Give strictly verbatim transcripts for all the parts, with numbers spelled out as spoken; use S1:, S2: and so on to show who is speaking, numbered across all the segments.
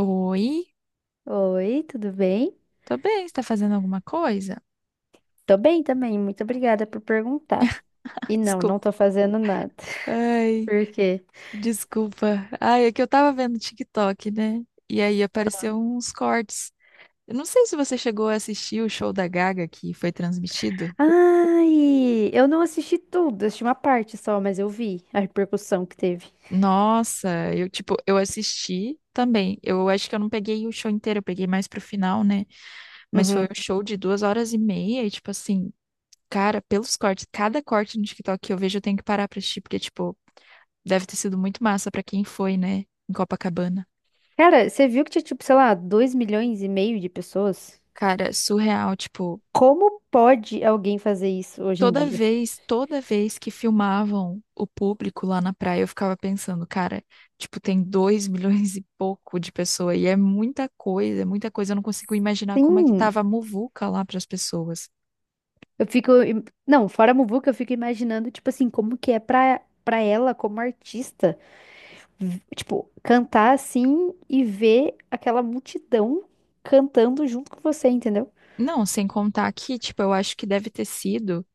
S1: Oi,
S2: Oi, tudo bem?
S1: tô bem, você tá fazendo alguma coisa?
S2: Tô bem também, muito obrigada por perguntar. E
S1: Ai,
S2: não, não
S1: desculpa.
S2: tô fazendo nada.
S1: Ai,
S2: Por quê?
S1: desculpa. Ai, é que eu tava vendo TikTok, né? E aí apareceu uns cortes. Eu não sei se você chegou a assistir o show da Gaga que foi transmitido.
S2: Ai, eu não assisti tudo, assisti uma parte só, mas eu vi a repercussão que teve.
S1: Nossa, eu tipo, eu assisti também. Eu acho que eu não peguei o show inteiro, eu peguei mais pro final, né? Mas foi
S2: Uhum.
S1: um show de duas horas e meia e tipo assim, cara, pelos cortes, cada corte no TikTok que eu vejo eu tenho que parar pra assistir, porque tipo, deve ter sido muito massa pra quem foi, né, em Copacabana.
S2: Cara, você viu que tinha, tipo, sei lá, dois milhões e meio de pessoas?
S1: Cara, surreal, tipo,
S2: Como pode alguém fazer isso hoje em
S1: toda
S2: dia?
S1: vez, toda vez que filmavam o público lá na praia, eu ficava pensando, cara, tipo, tem dois milhões e pouco de pessoa e é muita coisa, é muita coisa, eu não consigo imaginar como é que
S2: Sim,
S1: tava a muvuca lá pras pessoas.
S2: eu fico. im- Não, fora a Muvuca, eu fico imaginando, tipo assim, como que é pra, pra ela como artista. V- tipo, cantar assim e ver aquela multidão cantando junto com você, entendeu?
S1: Não, sem contar que, tipo, eu acho que deve ter sido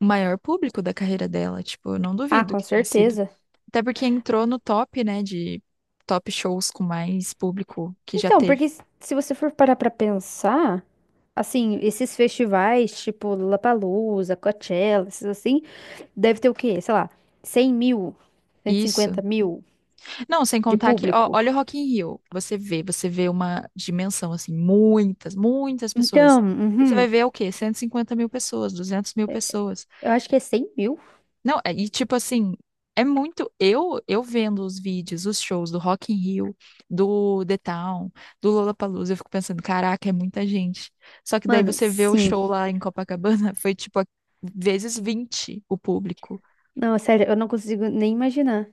S1: o maior público da carreira dela, tipo, eu não
S2: Ah,
S1: duvido
S2: com
S1: que tenha sido.
S2: certeza.
S1: Até porque entrou no top, né, de top shows com mais público que já
S2: Então,
S1: teve.
S2: porque s- se você for parar pra pensar, assim, esses festivais, tipo Lollapalooza, Coachella, esses assim, deve ter o quê? Sei lá, cem mil, cento e
S1: Isso.
S2: cinquenta mil
S1: Não, sem
S2: de
S1: contar que, ó,
S2: público.
S1: olha o Rock in Rio. Você vê, você vê uma dimensão, assim, muitas, muitas pessoas.
S2: Então,
S1: E você
S2: uhum,
S1: vai ver o quê? Cento e cinquenta mil pessoas, duzentas mil pessoas.
S2: eu acho que é cem mil.
S1: Não, é- e tipo assim, é muito. Eu, eu vendo os vídeos, os shows do Rock in Rio, do The Town, do Lollapalooza, eu fico pensando, caraca, é muita gente. Só que daí
S2: Mano,
S1: você vê o
S2: sim.
S1: show lá em Copacabana, foi tipo a- vezes vinte o público.
S2: Não, sério, eu não consigo nem imaginar.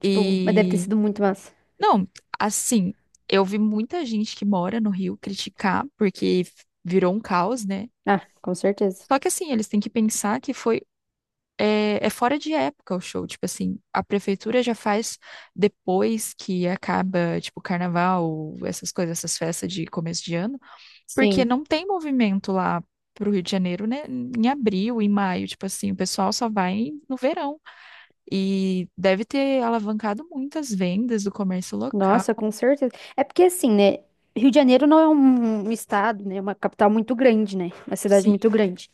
S2: Tipo, mas deve ter sido muito massa.
S1: Não, assim, eu vi muita gente que mora no Rio criticar porque f- virou um caos, né?
S2: Ah, com certeza.
S1: Só que assim, eles têm que pensar que foi é, é fora de época o show, tipo assim, a prefeitura já faz depois que acaba, tipo, carnaval, essas coisas, essas festas de começo de ano, porque
S2: Sim.
S1: não tem movimento lá pro Rio de Janeiro, né? Em abril, em maio, tipo assim, o pessoal só vai no verão e deve ter alavancado muitas vendas do comércio local.
S2: Nossa, com certeza. É porque assim, né? Rio de Janeiro não é um um estado, né? É uma capital muito grande, né? Uma cidade muito grande.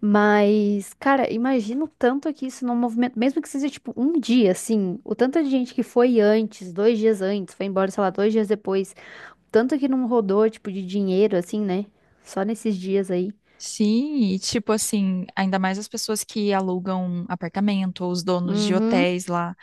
S2: Mas, cara, imagina o tanto que isso não movimenta, mesmo que seja tipo um dia, assim, o tanto de gente que foi antes, dois dias antes, foi embora, sei lá, dois dias depois, tanto que não rodou, tipo, de dinheiro, assim, né? Só nesses dias aí.
S1: Sim, e tipo assim, ainda mais as pessoas que alugam apartamento ou os donos de
S2: Uhum.
S1: hotéis lá.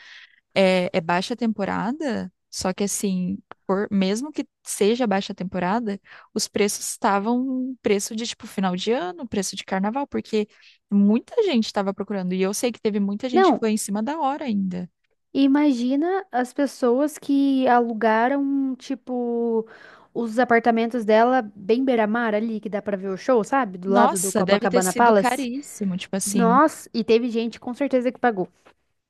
S1: É, é baixa temporada, só que assim, por, mesmo que seja baixa temporada, os preços estavam preço de tipo final de ano, preço de carnaval, porque muita gente estava procurando. E eu sei que teve muita gente que
S2: Não,
S1: foi em cima da hora ainda.
S2: e imagina as pessoas que alugaram, tipo, os apartamentos dela bem beira-mar ali, que dá pra ver o show, sabe? Do lado do
S1: Nossa, deve ter
S2: Copacabana
S1: sido
S2: Palace.
S1: caríssimo, tipo assim.
S2: Nossa, e teve gente com certeza que pagou.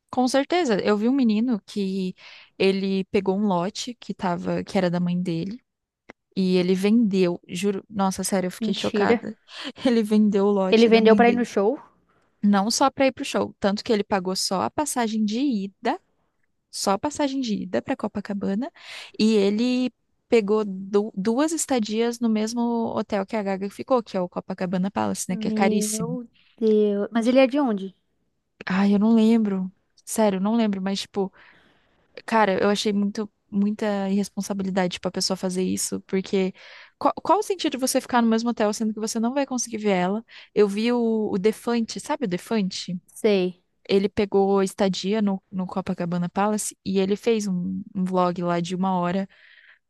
S1: Com certeza, eu vi um menino que ele pegou um lote que tava, que era da mãe dele. E ele vendeu, juro, nossa, sério, eu fiquei
S2: Mentira.
S1: chocada. Ele vendeu o
S2: Ele
S1: lote da
S2: vendeu
S1: mãe
S2: pra ir
S1: dele.
S2: no show?
S1: Não só para ir pro show, tanto que ele pagou só a passagem de ida, só a passagem de ida para Copacabana, e ele pegou du- duas estadias no mesmo hotel que a Gaga ficou, que é o Copacabana Palace, né, que é caríssimo.
S2: Meu Deus. Mas ele é de onde?
S1: Ai, eu não lembro. Sério, eu não lembro, mas tipo, cara, eu achei muito, muita irresponsabilidade pra pessoa fazer isso, porque qual, qual o sentido de você ficar no mesmo hotel sendo que você não vai conseguir ver ela? Eu vi o, o Defante, sabe o Defante?
S2: Sei.
S1: Ele pegou estadia no, no Copacabana Palace e ele fez um, um vlog lá de uma hora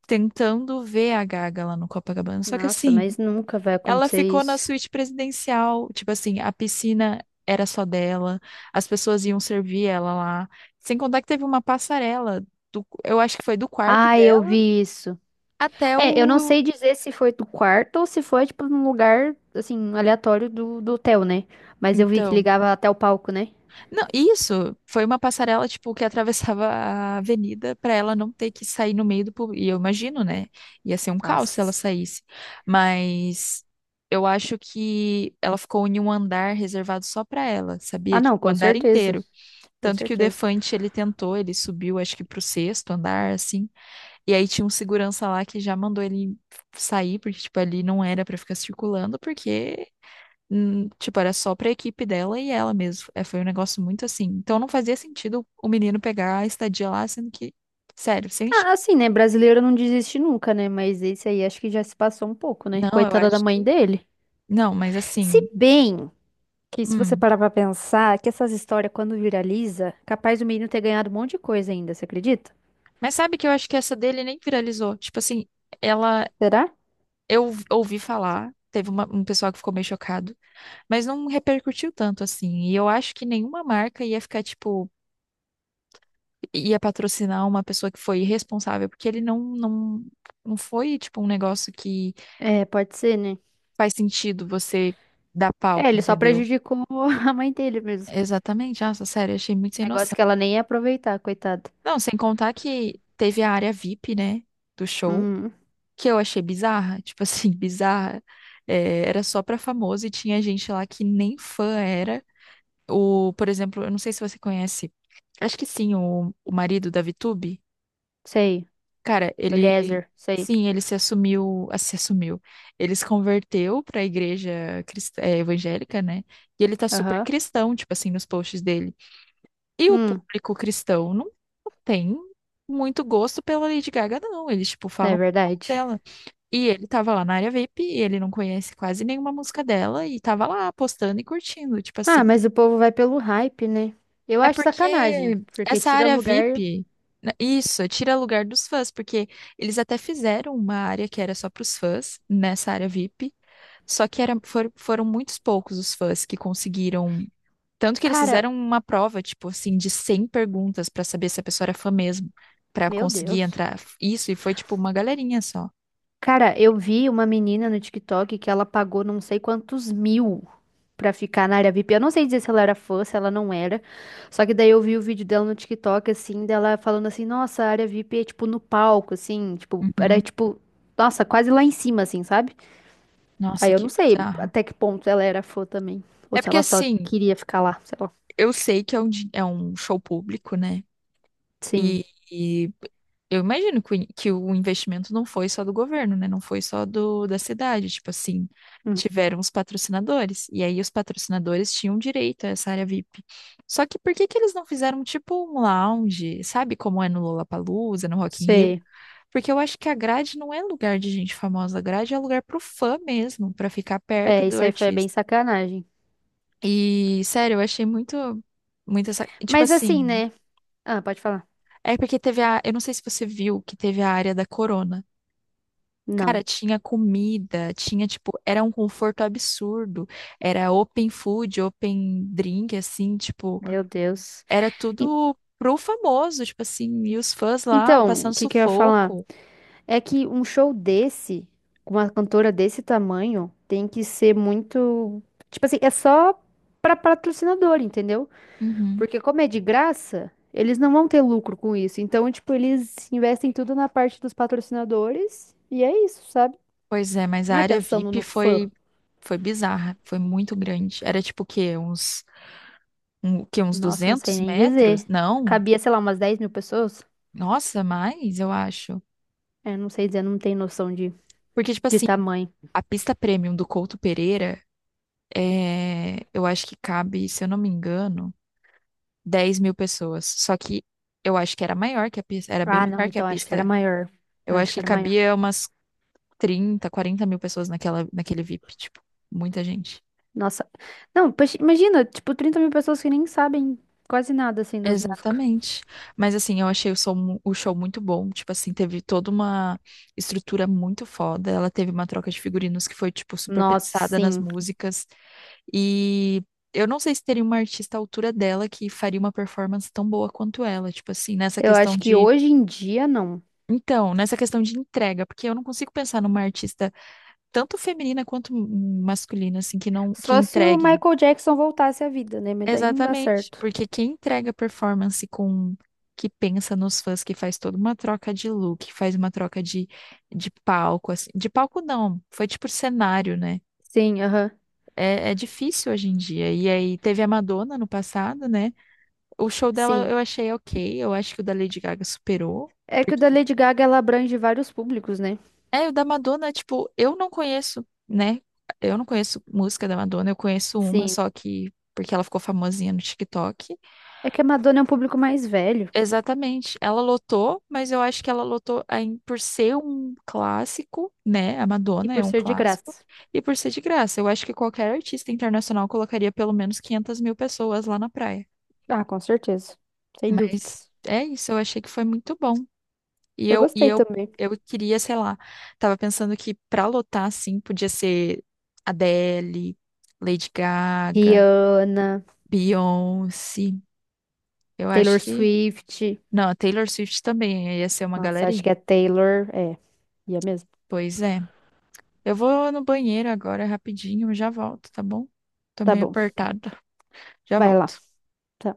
S1: tentando ver a Gaga lá no Copacabana. Só que
S2: Nossa,
S1: assim,
S2: mas nunca vai
S1: ela
S2: acontecer
S1: ficou na
S2: isso.
S1: suíte presidencial, tipo assim, a piscina era só dela, as pessoas iam servir ela lá. Sem contar que teve uma passarela do, eu acho que foi do quarto
S2: Ah, eu
S1: dela
S2: vi isso.
S1: até
S2: É, eu não
S1: o.
S2: sei dizer se foi do quarto ou se foi, tipo, num lugar, assim, aleatório do, do hotel, né? Mas eu vi que
S1: Então,
S2: ligava até o palco, né?
S1: não, isso foi uma passarela tipo que atravessava a avenida para ela não ter que sair no meio do público. E eu imagino, né? Ia ser um caos se ela
S2: As-
S1: saísse. Mas eu acho que ela ficou em um andar reservado só para ela,
S2: Ah,
S1: sabia? Tipo,
S2: não,
S1: o
S2: com
S1: andar
S2: certeza.
S1: inteiro.
S2: Com
S1: Tanto que o
S2: certeza.
S1: Defante, ele tentou, ele subiu, acho que pro sexto andar, assim. E aí tinha um segurança lá que já mandou ele sair, porque, tipo, ali não era pra ficar circulando, porque, hum, tipo, era só pra equipe dela e ela mesmo. É, foi um negócio muito assim. Então não fazia sentido o menino pegar a estadia lá, sendo que, sério. Sem. Ch-
S2: Ah, assim, né? Brasileiro não desiste nunca, né? Mas esse aí acho que já se passou um pouco, né?
S1: Não, eu
S2: Coitada da
S1: acho
S2: mãe
S1: que.
S2: dele.
S1: Não, mas
S2: Se
S1: assim.
S2: bem que, se você
S1: Hum.
S2: parar pra pensar, que essas histórias, quando viraliza, capaz do menino ter ganhado um monte de coisa ainda, você acredita?
S1: Mas sabe que eu acho que essa dele nem viralizou. Tipo assim, ela.
S2: Será?
S1: Eu ouvi falar, teve uma- um pessoal que ficou meio chocado. Mas não repercutiu tanto assim. E eu acho que nenhuma marca ia ficar, tipo, ia patrocinar uma pessoa que foi irresponsável, porque ele não, não, não foi, tipo, um negócio que
S2: É, pode ser, né?
S1: faz sentido você dar
S2: É,
S1: palco,
S2: ele só
S1: entendeu?
S2: prejudicou a mãe dele mesmo.
S1: Exatamente. Nossa, sério, achei muito sem noção.
S2: Negócio que ela nem ia aproveitar, coitado.
S1: Não, sem contar que teve a área V I P, né, do show,
S2: Hum,
S1: que eu achei bizarra. Tipo assim, bizarra. É, era só pra famoso e tinha gente lá que nem fã era. O, por exemplo, eu não sei se você conhece, acho que sim, o, o marido da Vitube.
S2: sei.
S1: Cara, ele,
S2: Eliezer, sei.
S1: sim, ele se assumiu, ah, se assumiu. Ele se converteu para a igreja crist- eh, evangélica, né? E ele tá super
S2: Aham.
S1: cristão, tipo assim, nos posts dele. E o
S2: Hum,
S1: público cristão não tem muito gosto pela Lady Gaga, não. Eles, tipo,
S2: é
S1: falam muito mal
S2: verdade.
S1: dela. E ele tava lá na área V I P e ele não conhece quase nenhuma música dela e tava lá postando e curtindo, tipo
S2: Ah,
S1: assim.
S2: mas o povo vai pelo hype, né? Eu
S1: É
S2: acho
S1: porque
S2: sacanagem, porque
S1: essa
S2: tira
S1: área
S2: lugar.
S1: V I P, né, isso, tira lugar dos fãs, porque eles até fizeram uma área que era só para os fãs, nessa área V I P, só que era, for- foram muitos poucos os fãs que conseguiram. Tanto que eles
S2: Cara,
S1: fizeram uma prova, tipo assim, de cem perguntas para saber se a pessoa era fã mesmo, para
S2: meu
S1: conseguir
S2: Deus.
S1: entrar. Isso, e foi tipo uma galerinha só.
S2: Cara, eu vi uma menina no TikTok que ela pagou não sei quantos mil pra ficar na área V I P. Eu não sei dizer se ela era fã, se ela não era. Só que daí eu vi o vídeo dela no TikTok, assim, dela falando assim, nossa, a área V I P é tipo no palco, assim, tipo, era
S1: Uhum.
S2: tipo, nossa, quase lá em cima, assim, sabe? Aí
S1: Nossa,
S2: eu
S1: que
S2: não sei
S1: bizarro.
S2: até que ponto ela era fã também. Ou
S1: É
S2: se
S1: porque
S2: ela só
S1: assim,
S2: queria ficar lá, sei lá.
S1: eu sei que é um, di- é um show público, né?
S2: Sim.
S1: E, e eu imagino que, o in- que o investimento não foi só do governo, né? Não foi só do, da cidade. Tipo assim,
S2: Hum,
S1: tiveram os patrocinadores. E aí os patrocinadores tinham direito a essa área V I P. Só que por que que eles não fizeram tipo um lounge, sabe? Como é no Lollapalooza, no Rock in Rio?
S2: sei.
S1: Porque eu acho que a grade não é lugar de gente famosa. A grade é lugar pro fã mesmo, pra ficar perto
S2: É,
S1: do
S2: isso aí foi bem
S1: artista.
S2: sacanagem.
S1: E, sério, eu achei muito, muito essa. Tipo
S2: Mas assim,
S1: assim.
S2: né? Ah, pode falar.
S1: É porque teve a. Eu não sei se você viu que teve a área da Corona. Cara,
S2: Não.
S1: tinha comida, tinha, tipo, era um conforto absurdo. Era open food, open drink, assim, tipo,
S2: Meu Deus.
S1: era
S2: En-
S1: tudo pro famoso, tipo assim, e os fãs lá
S2: Então, o
S1: passando
S2: que que eu ia falar?
S1: sufoco.
S2: É que um show desse, com uma cantora desse tamanho, tem que ser muito. Tipo assim, é só pra patrocinador, entendeu?
S1: Uhum.
S2: Porque como é de graça, eles não vão ter lucro com isso. Então, tipo, eles investem tudo na parte dos patrocinadores e é isso, sabe?
S1: Pois é, mas a
S2: Não é
S1: área
S2: pensando
S1: V I P
S2: no fã.
S1: foi foi bizarra, foi muito grande. Era tipo o quê? Uns, um, o quê? Uns
S2: Nossa, não sei
S1: duzentos
S2: nem
S1: metros?
S2: dizer.
S1: Não,
S2: Cabia, sei lá, umas dez mil pessoas?
S1: nossa, mais, eu acho.
S2: Eu não sei dizer, não tenho noção de,
S1: Porque, tipo
S2: de
S1: assim,
S2: tamanho.
S1: a pista premium do Couto Pereira. É, eu acho que cabe, se eu não me engano, dez mil pessoas. Só que eu acho que era maior que a pista, era bem
S2: Ah, não,
S1: maior que a
S2: então acho que era
S1: pista.
S2: maior.
S1: Eu
S2: Eu
S1: acho
S2: acho que
S1: que
S2: era maior.
S1: cabia umas trinta, quarenta mil pessoas naquela, naquele V I P, tipo, muita gente.
S2: Nossa. Não, poxa, imagina, tipo, trinta mil pessoas que nem sabem quase nada, assim, das músicas.
S1: Exatamente. Mas assim, eu achei o som, mu- o show muito bom. Tipo assim, teve toda uma estrutura muito foda. Ela teve uma troca de figurinos que foi, tipo, super
S2: Nossa,
S1: pensada nas
S2: sim.
S1: músicas. E eu não sei se teria uma artista à altura dela que faria uma performance tão boa quanto ela, tipo assim, nessa
S2: Eu
S1: questão
S2: acho que
S1: de.
S2: hoje em dia, não.
S1: Então, nessa questão de entrega, porque eu não consigo pensar numa artista tanto feminina quanto m- masculina, assim, que não, que
S2: Só se o
S1: entregue.
S2: Michael Jackson voltasse à vida, né? Mas daí não dá
S1: Exatamente,
S2: certo.
S1: porque quem entrega performance com que pensa nos fãs, que faz toda uma troca de look, que faz uma troca de, de palco, assim, de palco não, foi tipo cenário, né?
S2: Sim, aham.
S1: É, é difícil hoje em dia. E aí teve a Madonna no passado, né? O show dela eu
S2: Sim.
S1: achei ok. Eu acho que o da Lady Gaga superou.
S2: É que o da
S1: Porque.
S2: Lady Gaga ela abrange vários públicos, né?
S1: É, o da Madonna, tipo, eu não conheço, né? Eu não conheço música da Madonna, eu conheço uma,
S2: Sim.
S1: só que porque ela ficou famosinha no TikTok.
S2: É que a Madonna é um público mais velho
S1: Exatamente. Ela lotou, mas eu acho que ela lotou aí por ser um clássico, né? A
S2: e
S1: Madonna é
S2: por
S1: um
S2: ser de
S1: clássico.
S2: graça.
S1: E por ser de graça. Eu acho que qualquer artista internacional colocaria pelo menos quinhentas mil pessoas lá na praia.
S2: Ah, com certeza. Sem
S1: Mas
S2: dúvidas.
S1: é isso, eu achei que foi muito bom. E
S2: Eu
S1: eu, e
S2: gostei
S1: eu,
S2: também.
S1: eu queria, sei lá, tava pensando que pra lotar, assim, podia ser Adele, Lady Gaga,
S2: Rihanna,
S1: Beyoncé. Eu acho
S2: Taylor
S1: que.
S2: Swift.
S1: Não, a Taylor Swift também aí ia ser uma
S2: Nossa, acho que é
S1: galerinha.
S2: Taylor. É, ia mesmo.
S1: Pois é. Eu vou no banheiro agora rapidinho, eu já volto, tá bom? Tô
S2: Tá
S1: meio
S2: bom.
S1: apertada. Já
S2: Vai lá.
S1: volto.
S2: Tá.